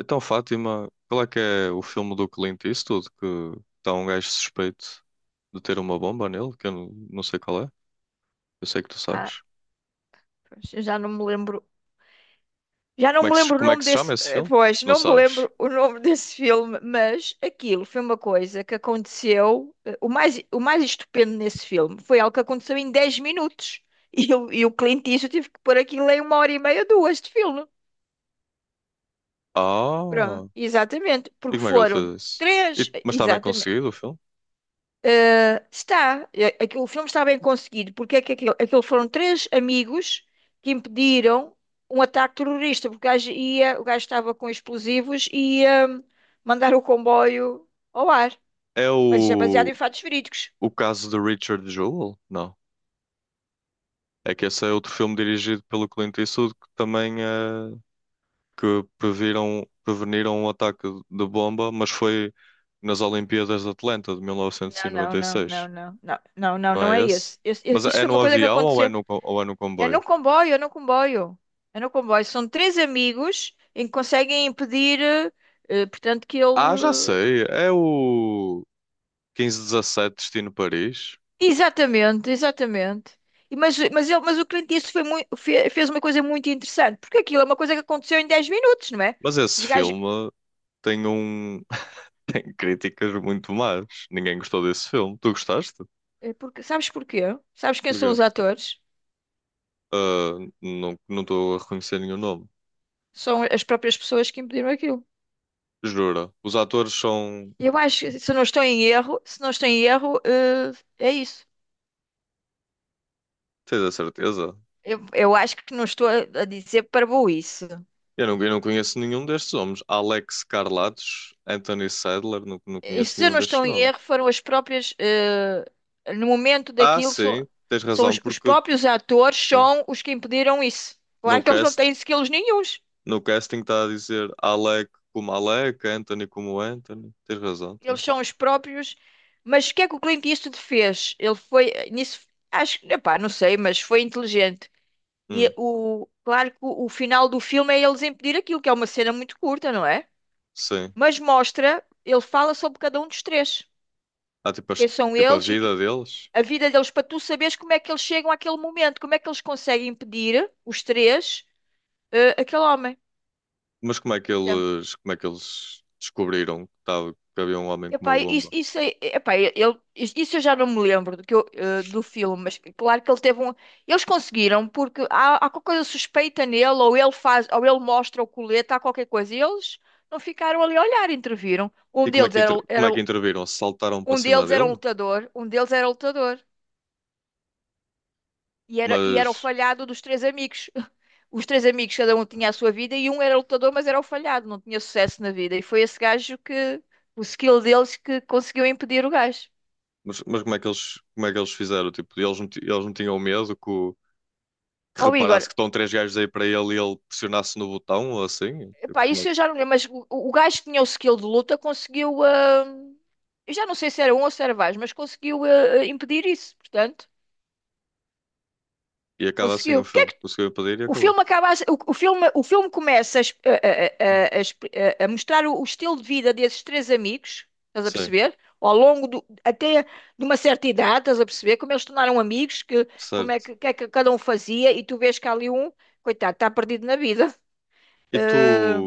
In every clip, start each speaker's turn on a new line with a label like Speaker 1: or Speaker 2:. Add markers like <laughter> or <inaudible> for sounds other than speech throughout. Speaker 1: Então, Fátima, qual é que é o filme do Clint Eastwood que está um gajo suspeito de ter uma bomba nele? Que eu não sei qual é. Eu sei que tu
Speaker 2: Ah,
Speaker 1: sabes.
Speaker 2: pois, eu já não me lembro. Já não
Speaker 1: Como é
Speaker 2: me
Speaker 1: que se,
Speaker 2: lembro o
Speaker 1: como é
Speaker 2: nome
Speaker 1: que se chama
Speaker 2: desse.
Speaker 1: esse filme?
Speaker 2: Pois,
Speaker 1: Não
Speaker 2: não me
Speaker 1: sabes?
Speaker 2: lembro o nome <laughs> desse filme, mas aquilo foi uma coisa que aconteceu. O mais estupendo nesse filme foi algo que aconteceu em 10 minutos. <laughs> E o Clint Eastwood tive que pôr aquilo em uma hora e meia, duas de filme.
Speaker 1: Ah!
Speaker 2: Pronto, exatamente.
Speaker 1: E
Speaker 2: Porque
Speaker 1: como é que ele fez
Speaker 2: foram
Speaker 1: isso?
Speaker 2: três.
Speaker 1: Mas está bem
Speaker 2: Exatamente.
Speaker 1: conseguido o filme?
Speaker 2: O filme está bem conseguido, porque é que aquilo foram três amigos que impediram um ataque terrorista, porque o gajo estava com explosivos e ia mandar o comboio ao ar.
Speaker 1: É
Speaker 2: Mas isto é baseado
Speaker 1: o,
Speaker 2: em fatos verídicos.
Speaker 1: o caso de Richard Jewell? Não. É que esse é outro filme dirigido pelo Clint Eastwood que também é. Que preveniram um ataque de bomba, mas foi nas Olimpíadas de Atlanta de
Speaker 2: Não, não, não,
Speaker 1: 1996,
Speaker 2: não, não, não, não, não,
Speaker 1: não
Speaker 2: não
Speaker 1: é
Speaker 2: é
Speaker 1: esse?
Speaker 2: esse.
Speaker 1: Mas
Speaker 2: Isso
Speaker 1: é
Speaker 2: foi uma
Speaker 1: no
Speaker 2: coisa que
Speaker 1: avião ou é
Speaker 2: aconteceu.
Speaker 1: no, co- ou é no
Speaker 2: É
Speaker 1: comboio?
Speaker 2: no comboio, é no comboio. É no comboio. São três amigos em que conseguem impedir, portanto, que ele.
Speaker 1: Ah, já sei, é o 15:17 Destino Paris.
Speaker 2: Exatamente, exatamente. Mas o Clint Eastwood fez uma coisa muito interessante, porque aquilo é uma coisa que aconteceu em 10 minutos, não é?
Speaker 1: Mas esse
Speaker 2: Os gajos,
Speaker 1: filme tem um <laughs> tem críticas muito más. Ninguém gostou desse filme. Tu gostaste?
Speaker 2: é porque, sabes porquê? Sabes quem são
Speaker 1: Porquê?
Speaker 2: os atores?
Speaker 1: Ah, não estou a reconhecer nenhum nome.
Speaker 2: São as próprias pessoas que impediram aquilo.
Speaker 1: Jura? Os atores são.
Speaker 2: Eu acho que, se não estou em erro, se não estou em erro, eh, é isso.
Speaker 1: Tens a certeza?
Speaker 2: Eu acho que não estou a dizer para isso.
Speaker 1: Eu não conheço nenhum destes nomes. Alex Carlatos, Anthony Sadler, não
Speaker 2: E
Speaker 1: conheço
Speaker 2: se eu
Speaker 1: nenhum
Speaker 2: não
Speaker 1: destes
Speaker 2: estou em
Speaker 1: nomes.
Speaker 2: erro, foram as próprias, no momento
Speaker 1: Ah,
Speaker 2: daquilo,
Speaker 1: sim, tens
Speaker 2: são
Speaker 1: razão,
Speaker 2: os
Speaker 1: porque
Speaker 2: próprios atores
Speaker 1: sim.
Speaker 2: são os que impediram isso.
Speaker 1: No
Speaker 2: Claro que eles não
Speaker 1: cast,
Speaker 2: têm skills nenhuns.
Speaker 1: no casting está a dizer Alec como Alec, Anthony como Anthony. Tens razão,
Speaker 2: Eles
Speaker 1: tens.
Speaker 2: são os próprios. Mas o que é que o Clint Eastwood fez? Ele foi, nisso, acho, epá, não sei, mas foi inteligente.
Speaker 1: Hum,
Speaker 2: Claro que o final do filme é eles impedir aquilo, que é uma cena muito curta, não é?
Speaker 1: sim.
Speaker 2: Mas mostra, ele fala sobre cada um dos três.
Speaker 1: Há tipo,
Speaker 2: Quem são
Speaker 1: tipo a
Speaker 2: eles e que
Speaker 1: vida deles.
Speaker 2: a vida deles para tu saberes como é que eles chegam àquele momento, como é que eles conseguem impedir, os três, aquele homem.
Speaker 1: Mas como é que
Speaker 2: Então,
Speaker 1: eles, como é que eles descobriram que havia um homem com uma
Speaker 2: epá, isso,
Speaker 1: bomba?
Speaker 2: isso, é- epá, ele, isso eu já não me lembro do filme, mas claro que ele teve um. Eles conseguiram, porque há qualquer coisa suspeita nele, ou ele faz, ou ele mostra o colete, há qualquer coisa. E eles não ficaram ali a olhar, interviram. Um
Speaker 1: E como é
Speaker 2: deles
Speaker 1: que, inter, como é que interviram? Saltaram para
Speaker 2: um
Speaker 1: cima
Speaker 2: deles era um
Speaker 1: dele?
Speaker 2: lutador, um deles era lutador. E era o
Speaker 1: Mas
Speaker 2: falhado dos três amigos. <laughs> Os três amigos, cada um tinha a sua vida e um era lutador, mas era o falhado, não tinha sucesso na vida. E foi esse gajo que, o skill deles, que conseguiu impedir o gajo.
Speaker 1: mas como é que eles fizeram? Tipo, eles não tinham medo que
Speaker 2: Ó Igor,
Speaker 1: reparasse que estão três gajos aí para ele e ele pressionasse no botão ou assim?
Speaker 2: pá, isso eu já não lembro, mas o gajo que tinha o skill de luta conseguiu. Eu já não sei se era um ou se era vários, mas conseguiu impedir isso, portanto,
Speaker 1: E acaba assim o
Speaker 2: conseguiu.
Speaker 1: filme. Conseguiu impedir e
Speaker 2: O
Speaker 1: acabou.
Speaker 2: filme acaba a- o filme começa a, es- a exp- a mostrar o estilo de vida desses três amigos, estás a
Speaker 1: Sim,
Speaker 2: perceber? Ao longo do, até de uma certa idade, estás a perceber? Como eles se tornaram amigos, que, como é
Speaker 1: certo.
Speaker 2: que, o que é que cada um fazia, e tu vês que há ali um, coitado, está perdido na vida.
Speaker 1: E tu,
Speaker 2: Eh,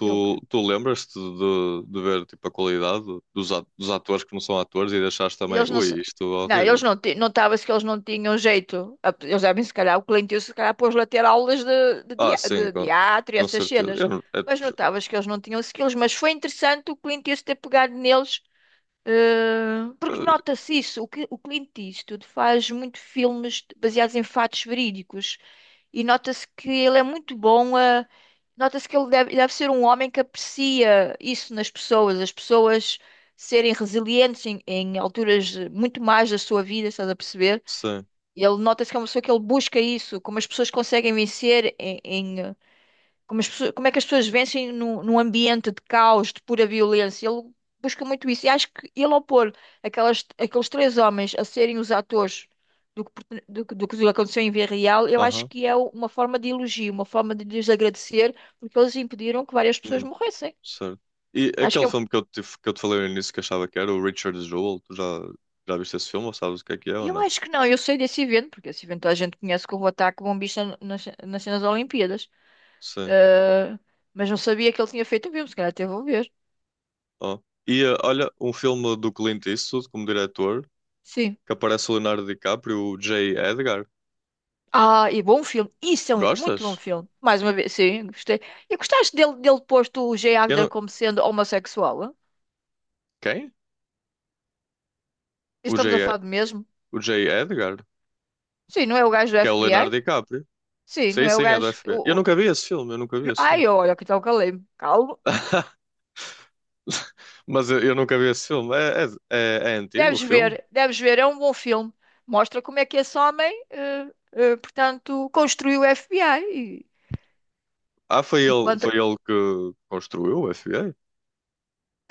Speaker 2: e eu o quê?
Speaker 1: tu lembras-te de ver tipo, a qualidade dos atores que não são atores e deixaste também,
Speaker 2: Eles não, se-
Speaker 1: ui, isto é
Speaker 2: não, eles
Speaker 1: horrível.
Speaker 2: não, ti- Notava-se que eles não tinham jeito. Eles devem, se calhar, o cliente, se calhar, pôs-lhe a ter aulas de, de,
Speaker 1: Ah,
Speaker 2: dia-
Speaker 1: sim,
Speaker 2: de, de
Speaker 1: com,
Speaker 2: teatro e
Speaker 1: com
Speaker 2: essas
Speaker 1: certeza.
Speaker 2: cenas.
Speaker 1: Eu, não- É,
Speaker 2: Mas notava-se que eles não tinham skills. Mas foi interessante o cliente Eastwood ter pegado neles, porque
Speaker 1: eh,
Speaker 2: nota-se isso. O Clint Eastwood faz muito filmes baseados em fatos verídicos. E nota-se que ele é muito bom a. Nota-se que ele deve ser um homem que aprecia isso nas pessoas, as pessoas serem resilientes em alturas muito mais da sua vida, estás a perceber?
Speaker 1: sim,
Speaker 2: Ele nota-se que é uma pessoa que ele busca isso, como as pessoas conseguem vencer como é que as pessoas vencem num ambiente de caos, de pura violência? Ele busca muito isso. E acho que ele, ao pôr aquelas, aqueles três homens a serem os atores do que, pertene- do que aconteceu em vida real, eu acho
Speaker 1: aham.
Speaker 2: que é uma forma de elogio, uma forma de lhes agradecer, porque eles impediram que várias pessoas
Speaker 1: Hum.
Speaker 2: morressem.
Speaker 1: Certo. E
Speaker 2: Acho que
Speaker 1: aquele
Speaker 2: é um-
Speaker 1: filme que eu te falei no início que achava que era o Richard Jewell, tu já viste esse filme ou sabes o que é ou
Speaker 2: Eu
Speaker 1: não?
Speaker 2: acho que não, eu sei desse evento, porque esse evento a gente conhece como o ataque bombista nas cenas das Olimpíadas.
Speaker 1: Sim.
Speaker 2: Ah, mas não sabia que ele tinha feito um filme, se calhar teve a ver.
Speaker 1: Ó. E olha, um filme do Clint Eastwood como diretor,
Speaker 2: Sim.
Speaker 1: que aparece o Leonardo DiCaprio, o J. Edgar.
Speaker 2: Ah, e bom filme. Isso é um muito bom
Speaker 1: Gostas?
Speaker 2: filme. Mais uma vez, sim, gostei. E gostaste dele posto o Jay
Speaker 1: Eu
Speaker 2: Agner
Speaker 1: não.
Speaker 2: como sendo homossexual? Hã?
Speaker 1: Quem? O J.
Speaker 2: Estamos a
Speaker 1: E-
Speaker 2: falar do mesmo?
Speaker 1: O J. Edgar,
Speaker 2: Sim, não é o gajo do
Speaker 1: que é o Leonardo
Speaker 2: FBI?
Speaker 1: DiCaprio.
Speaker 2: Sim, não
Speaker 1: Sim,
Speaker 2: é o
Speaker 1: sim, é do
Speaker 2: gajo.
Speaker 1: F FBI. Eu nunca vi esse filme, eu nunca vi esse filme.
Speaker 2: Ai, olha que tal calei-me. Calmo.
Speaker 1: <laughs> Mas eu nunca vi esse filme. É, é antigo o filme?
Speaker 2: Deves ver, é um bom filme. Mostra como é que esse homem, portanto, construiu o FBI e,
Speaker 1: Ah, foi
Speaker 2: e
Speaker 1: ele,
Speaker 2: quanto,
Speaker 1: foi ele que construiu o F FBI?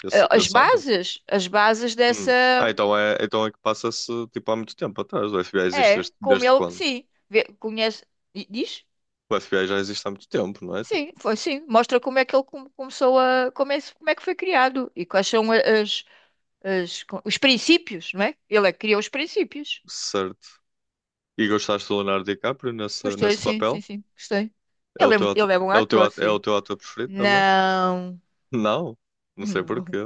Speaker 1: Esse, esse homem?
Speaker 2: as bases
Speaker 1: Hum. Ah,
Speaker 2: dessa.
Speaker 1: então é que passa-se tipo há muito tempo atrás. O FBI existe
Speaker 2: É,
Speaker 1: desde,
Speaker 2: como
Speaker 1: desde
Speaker 2: ele,
Speaker 1: quando?
Speaker 2: sim, conhece. Diz?
Speaker 1: O FBI já existe há muito tempo, não é? Tipo,
Speaker 2: Sim, foi sim. Mostra como é que ele começou a. Como é que foi criado e quais são as, os princípios, não é? Ele é que criou os princípios.
Speaker 1: certo. E gostaste do Leonardo DiCaprio nesse,
Speaker 2: Gostei,
Speaker 1: nesse
Speaker 2: sim, sim,
Speaker 1: papel?
Speaker 2: sim, gostei.
Speaker 1: É o
Speaker 2: Ele é,
Speaker 1: teu, ato-
Speaker 2: ele é bom
Speaker 1: é o
Speaker 2: ator, sim.
Speaker 1: teu ator preferido também?
Speaker 2: Não,
Speaker 1: Não, não sei porquê.
Speaker 2: não.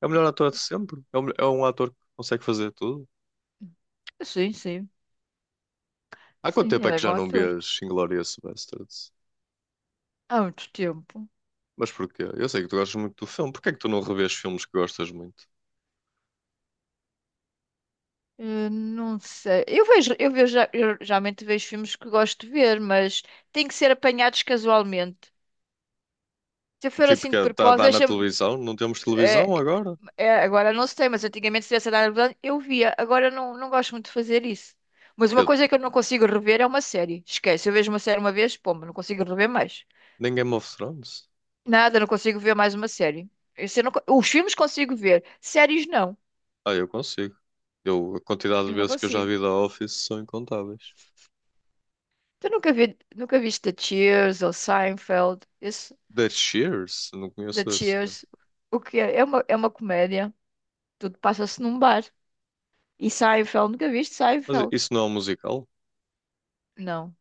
Speaker 1: É o melhor ator de sempre. É um ator que consegue fazer tudo.
Speaker 2: Sim, sim,
Speaker 1: Há quanto
Speaker 2: sim,
Speaker 1: tempo é
Speaker 2: ele é
Speaker 1: que
Speaker 2: bom
Speaker 1: já não
Speaker 2: ator.
Speaker 1: vês Inglourious Basterds?
Speaker 2: Há muito tempo.
Speaker 1: Mas porquê? Eu sei que tu gostas muito do filme. Porquê é que tu não revês filmes que gostas muito?
Speaker 2: Eu não sei. Eu geralmente vejo filmes que gosto de ver, mas tem que ser apanhados casualmente. Se eu for
Speaker 1: Tipo,
Speaker 2: assim
Speaker 1: que
Speaker 2: de
Speaker 1: está a
Speaker 2: propósito,
Speaker 1: dar na
Speaker 2: deixa-me.
Speaker 1: televisão? Não temos
Speaker 2: É,
Speaker 1: televisão agora?
Speaker 2: é, agora não sei, mas antigamente se tivesse dado, vontade, eu via. Agora eu não gosto muito de fazer isso. Mas uma coisa que eu não consigo rever é uma série. Esquece, eu vejo uma série uma vez, pomba, não consigo rever mais.
Speaker 1: Nem Game of Thrones?
Speaker 2: Nada, não consigo ver mais uma série. Isso eu não co- Os filmes consigo ver, séries não.
Speaker 1: Ah, eu consigo. Eu, a quantidade de
Speaker 2: Eu não
Speaker 1: vezes que eu já
Speaker 2: consigo.
Speaker 1: vi The Office são incontáveis.
Speaker 2: Tu nunca viste The Cheers ou Seinfeld? Isso,
Speaker 1: The Cheers? Não
Speaker 2: The
Speaker 1: conheço esse, cara.
Speaker 2: Cheers. O que é? É uma comédia. Tudo passa-se num bar. E Seinfeld, nunca viste
Speaker 1: Mas
Speaker 2: Seinfeld?
Speaker 1: isso não é um musical?
Speaker 2: Não,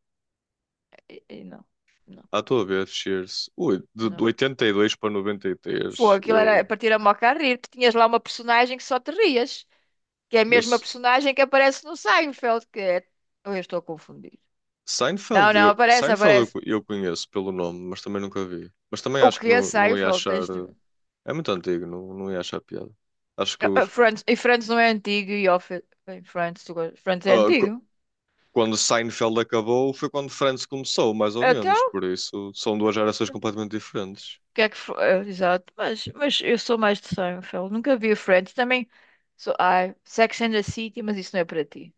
Speaker 2: E não, não,
Speaker 1: À tua vez, Cheers. Ui, de
Speaker 2: não.
Speaker 1: 82 para 93.
Speaker 2: Foi, aquilo era para tirar uma a rir. Tu tinhas lá uma personagem que só te rias, que é a
Speaker 1: Eu,
Speaker 2: mesma
Speaker 1: s-
Speaker 2: personagem que aparece no Seinfeld, que é. Ou eu estou a confundir. Não, não, aparece,
Speaker 1: Seinfeld eu,
Speaker 2: aparece.
Speaker 1: co- eu conheço pelo nome, mas também nunca vi. Mas também
Speaker 2: O
Speaker 1: acho que
Speaker 2: que é
Speaker 1: não, não ia
Speaker 2: Seinfeld?
Speaker 1: achar.
Speaker 2: Tens de ver.
Speaker 1: É muito antigo, não ia achar piada. Acho que
Speaker 2: Ah,
Speaker 1: os.
Speaker 2: Friends, e Friends não é antigo e Office. Bem, Friends, tu Friends é antigo.
Speaker 1: Quando Seinfeld acabou foi quando Friends começou, mais ou
Speaker 2: Então,
Speaker 1: menos.
Speaker 2: o
Speaker 1: Por isso, são duas gerações completamente diferentes.
Speaker 2: que é que foi? Ah, exato, mas eu sou mais de Seinfeld. Nunca vi Friends. Também sou. Ai, Sex and the City, mas isso não é para ti.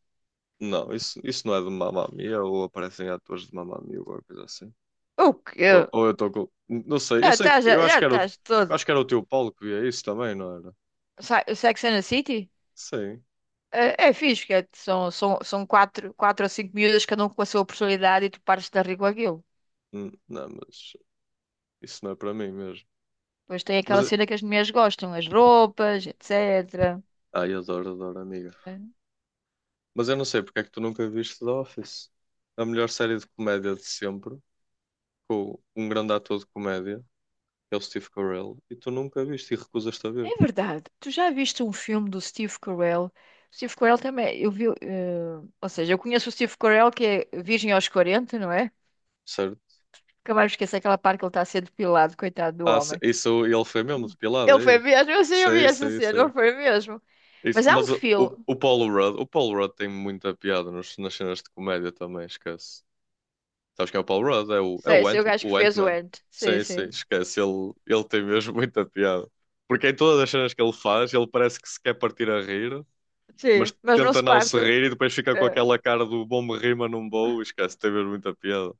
Speaker 1: Não, isso não é de Mamma Mia ou aparecem atores de Mamma Mia ou alguma coisa assim.
Speaker 2: O quê?
Speaker 1: Ou eu estou com. Não sei, eu
Speaker 2: Já
Speaker 1: sei, que-
Speaker 2: estás, já
Speaker 1: eu acho
Speaker 2: já
Speaker 1: que era o,
Speaker 2: estás
Speaker 1: eu
Speaker 2: todo.
Speaker 1: acho que era o teu Paulo que via isso também, não era?
Speaker 2: Sex and the City?
Speaker 1: Sim.
Speaker 2: É fixe, que são quatro, quatro ou cinco miúdas, cada um com a sua personalidade, e tu pares de dar rir com aquilo.
Speaker 1: Não, mas isso não é para mim mesmo.
Speaker 2: Depois tem
Speaker 1: Mas,
Speaker 2: aquela
Speaker 1: eu-
Speaker 2: cena que as mulheres gostam, as roupas, etc.
Speaker 1: Ai, adoro, adoro, amiga. Mas eu não sei porque é que tu nunca viste The Office. A melhor série de comédia de sempre, com um grande ator de comédia, é o Steve Carell, e tu nunca viste e recusas-te a ver,
Speaker 2: É verdade. Tu já viste um filme do Steve Carell? Steve Carell também, eu vi, ou seja, eu conheço o Steve Carell que é virgem aos 40, não é?
Speaker 1: certo?
Speaker 2: Nunca mais me esqueço aquela parte que ele está a ser depilado, coitado do
Speaker 1: Ah,
Speaker 2: homem.
Speaker 1: isso ele foi mesmo depilado,
Speaker 2: Ele foi
Speaker 1: aí.
Speaker 2: mesmo, eu sei, eu vi
Speaker 1: Sei,
Speaker 2: essa
Speaker 1: sei,
Speaker 2: cena, ele
Speaker 1: sei.
Speaker 2: foi mesmo.
Speaker 1: Isso,
Speaker 2: Mas há um
Speaker 1: mas o, o,
Speaker 2: filme,
Speaker 1: o Paul Rudd, o Paul Rudd tem muita piada nas cenas de comédia também, esquece. Sabes quem é o Paul Rudd? É o, é
Speaker 2: sei,
Speaker 1: o
Speaker 2: sei o
Speaker 1: Ant,
Speaker 2: gajo que
Speaker 1: o
Speaker 2: fez o
Speaker 1: Ant-Man.
Speaker 2: Ant, sim,
Speaker 1: Sim, sim,
Speaker 2: sim.
Speaker 1: esquece. Ele tem mesmo <laughs> muita piada. Porque em todas as cenas que ele faz, ele parece que se quer partir a rir, mas
Speaker 2: Sim, mas não
Speaker 1: tenta
Speaker 2: se
Speaker 1: não se
Speaker 2: parte.
Speaker 1: rir e depois fica com
Speaker 2: É.
Speaker 1: aquela cara do bom me rir, mas não vou, esquece, tem mesmo muita piada.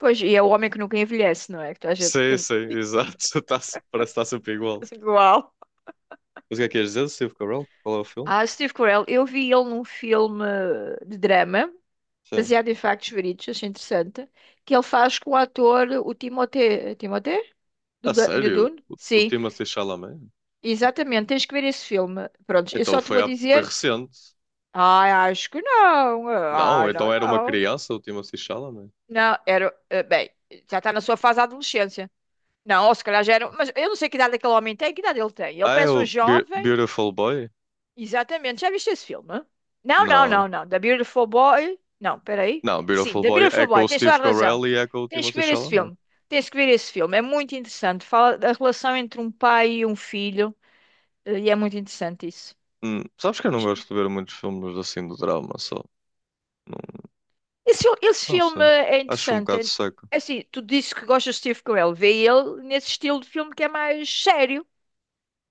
Speaker 2: Pois, e é o homem que nunca envelhece, não é? Que a gente
Speaker 1: Sim,
Speaker 2: tem
Speaker 1: sim, exato. <laughs> Tá, parece que está sempre
Speaker 2: <laughs>
Speaker 1: igual.
Speaker 2: assim, igual.
Speaker 1: Mas o que é que ias dizer do Steve Carell? Qual é o filme?
Speaker 2: Ah, Steve Carell, eu vi ele num filme de drama,
Speaker 1: Sim.
Speaker 2: baseado em factos verídicos, achei interessante, que ele faz com o ator, o Timothée, é Timothée? Do,
Speaker 1: A
Speaker 2: Du- do
Speaker 1: sério?
Speaker 2: Dune?
Speaker 1: O
Speaker 2: Sim,
Speaker 1: Timothée Chalamet?
Speaker 2: exatamente, tens que ver esse filme. Pronto, eu
Speaker 1: Então
Speaker 2: só te
Speaker 1: foi,
Speaker 2: vou
Speaker 1: há- foi
Speaker 2: dizer,
Speaker 1: recente.
Speaker 2: acho que não,
Speaker 1: Não, então
Speaker 2: não,
Speaker 1: era uma
Speaker 2: não.
Speaker 1: criança o Timothée Chalamet.
Speaker 2: Não, era, bem, já está na sua fase da adolescência. Não, ou se calhar já era, mas eu não sei que idade aquele homem tem, que idade ele tem. Ele
Speaker 1: Ah, é
Speaker 2: parece um
Speaker 1: o
Speaker 2: jovem.
Speaker 1: Beautiful Boy?
Speaker 2: Exatamente. Já viste esse filme? Não, não,
Speaker 1: Não.
Speaker 2: não, não. The Beautiful Boy. Não, peraí.
Speaker 1: Não,
Speaker 2: Sim,
Speaker 1: Beautiful
Speaker 2: The
Speaker 1: Boy é
Speaker 2: Beautiful
Speaker 1: com
Speaker 2: Boy.
Speaker 1: o
Speaker 2: Tens toda
Speaker 1: Steve
Speaker 2: a razão.
Speaker 1: Carell e é com o
Speaker 2: Tens que
Speaker 1: Timothée
Speaker 2: ver esse
Speaker 1: Chalamet.
Speaker 2: filme. Tens que ver esse filme. É muito interessante. Fala da relação entre um pai e um filho. E é muito interessante isso.
Speaker 1: Sabes que eu não gosto de ver muitos filmes assim de drama, só. Não,
Speaker 2: Esse
Speaker 1: não
Speaker 2: filme
Speaker 1: sei.
Speaker 2: é
Speaker 1: Acho um
Speaker 2: interessante.
Speaker 1: bocado
Speaker 2: É
Speaker 1: seco.
Speaker 2: é assim, tu dizes que gostas de Steve Carell. Vê ele nesse estilo de filme que é mais sério.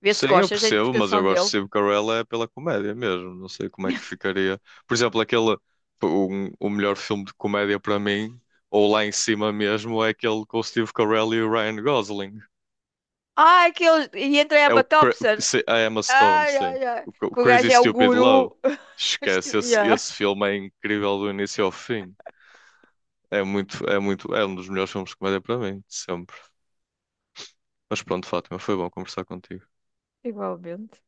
Speaker 2: Vê se
Speaker 1: Sim, eu
Speaker 2: gostas da
Speaker 1: percebo, mas eu
Speaker 2: interpretação
Speaker 1: gosto de
Speaker 2: dele.
Speaker 1: Steve Carell é pela comédia mesmo. Não sei como é que
Speaker 2: <laughs>
Speaker 1: ficaria. Por exemplo, aquele o melhor filme de comédia para mim, ou lá em cima mesmo, é aquele com o Steve Carell e o Ryan Gosling.
Speaker 2: Ah, aquele. E entra a
Speaker 1: É o
Speaker 2: Emma
Speaker 1: Cra-
Speaker 2: Thompson.
Speaker 1: se- a Emma Stone,
Speaker 2: Ai,
Speaker 1: sim.
Speaker 2: ai, ai,
Speaker 1: O Crazy
Speaker 2: Kugage é o
Speaker 1: Stupid Love.
Speaker 2: guru. <laughs>
Speaker 1: Esquece, esse,
Speaker 2: Ya.
Speaker 1: esse filme é incrível do início ao fim. É um dos melhores filmes de comédia para mim, de sempre. Mas pronto, Fátima, foi bom conversar contigo.
Speaker 2: Igualmente.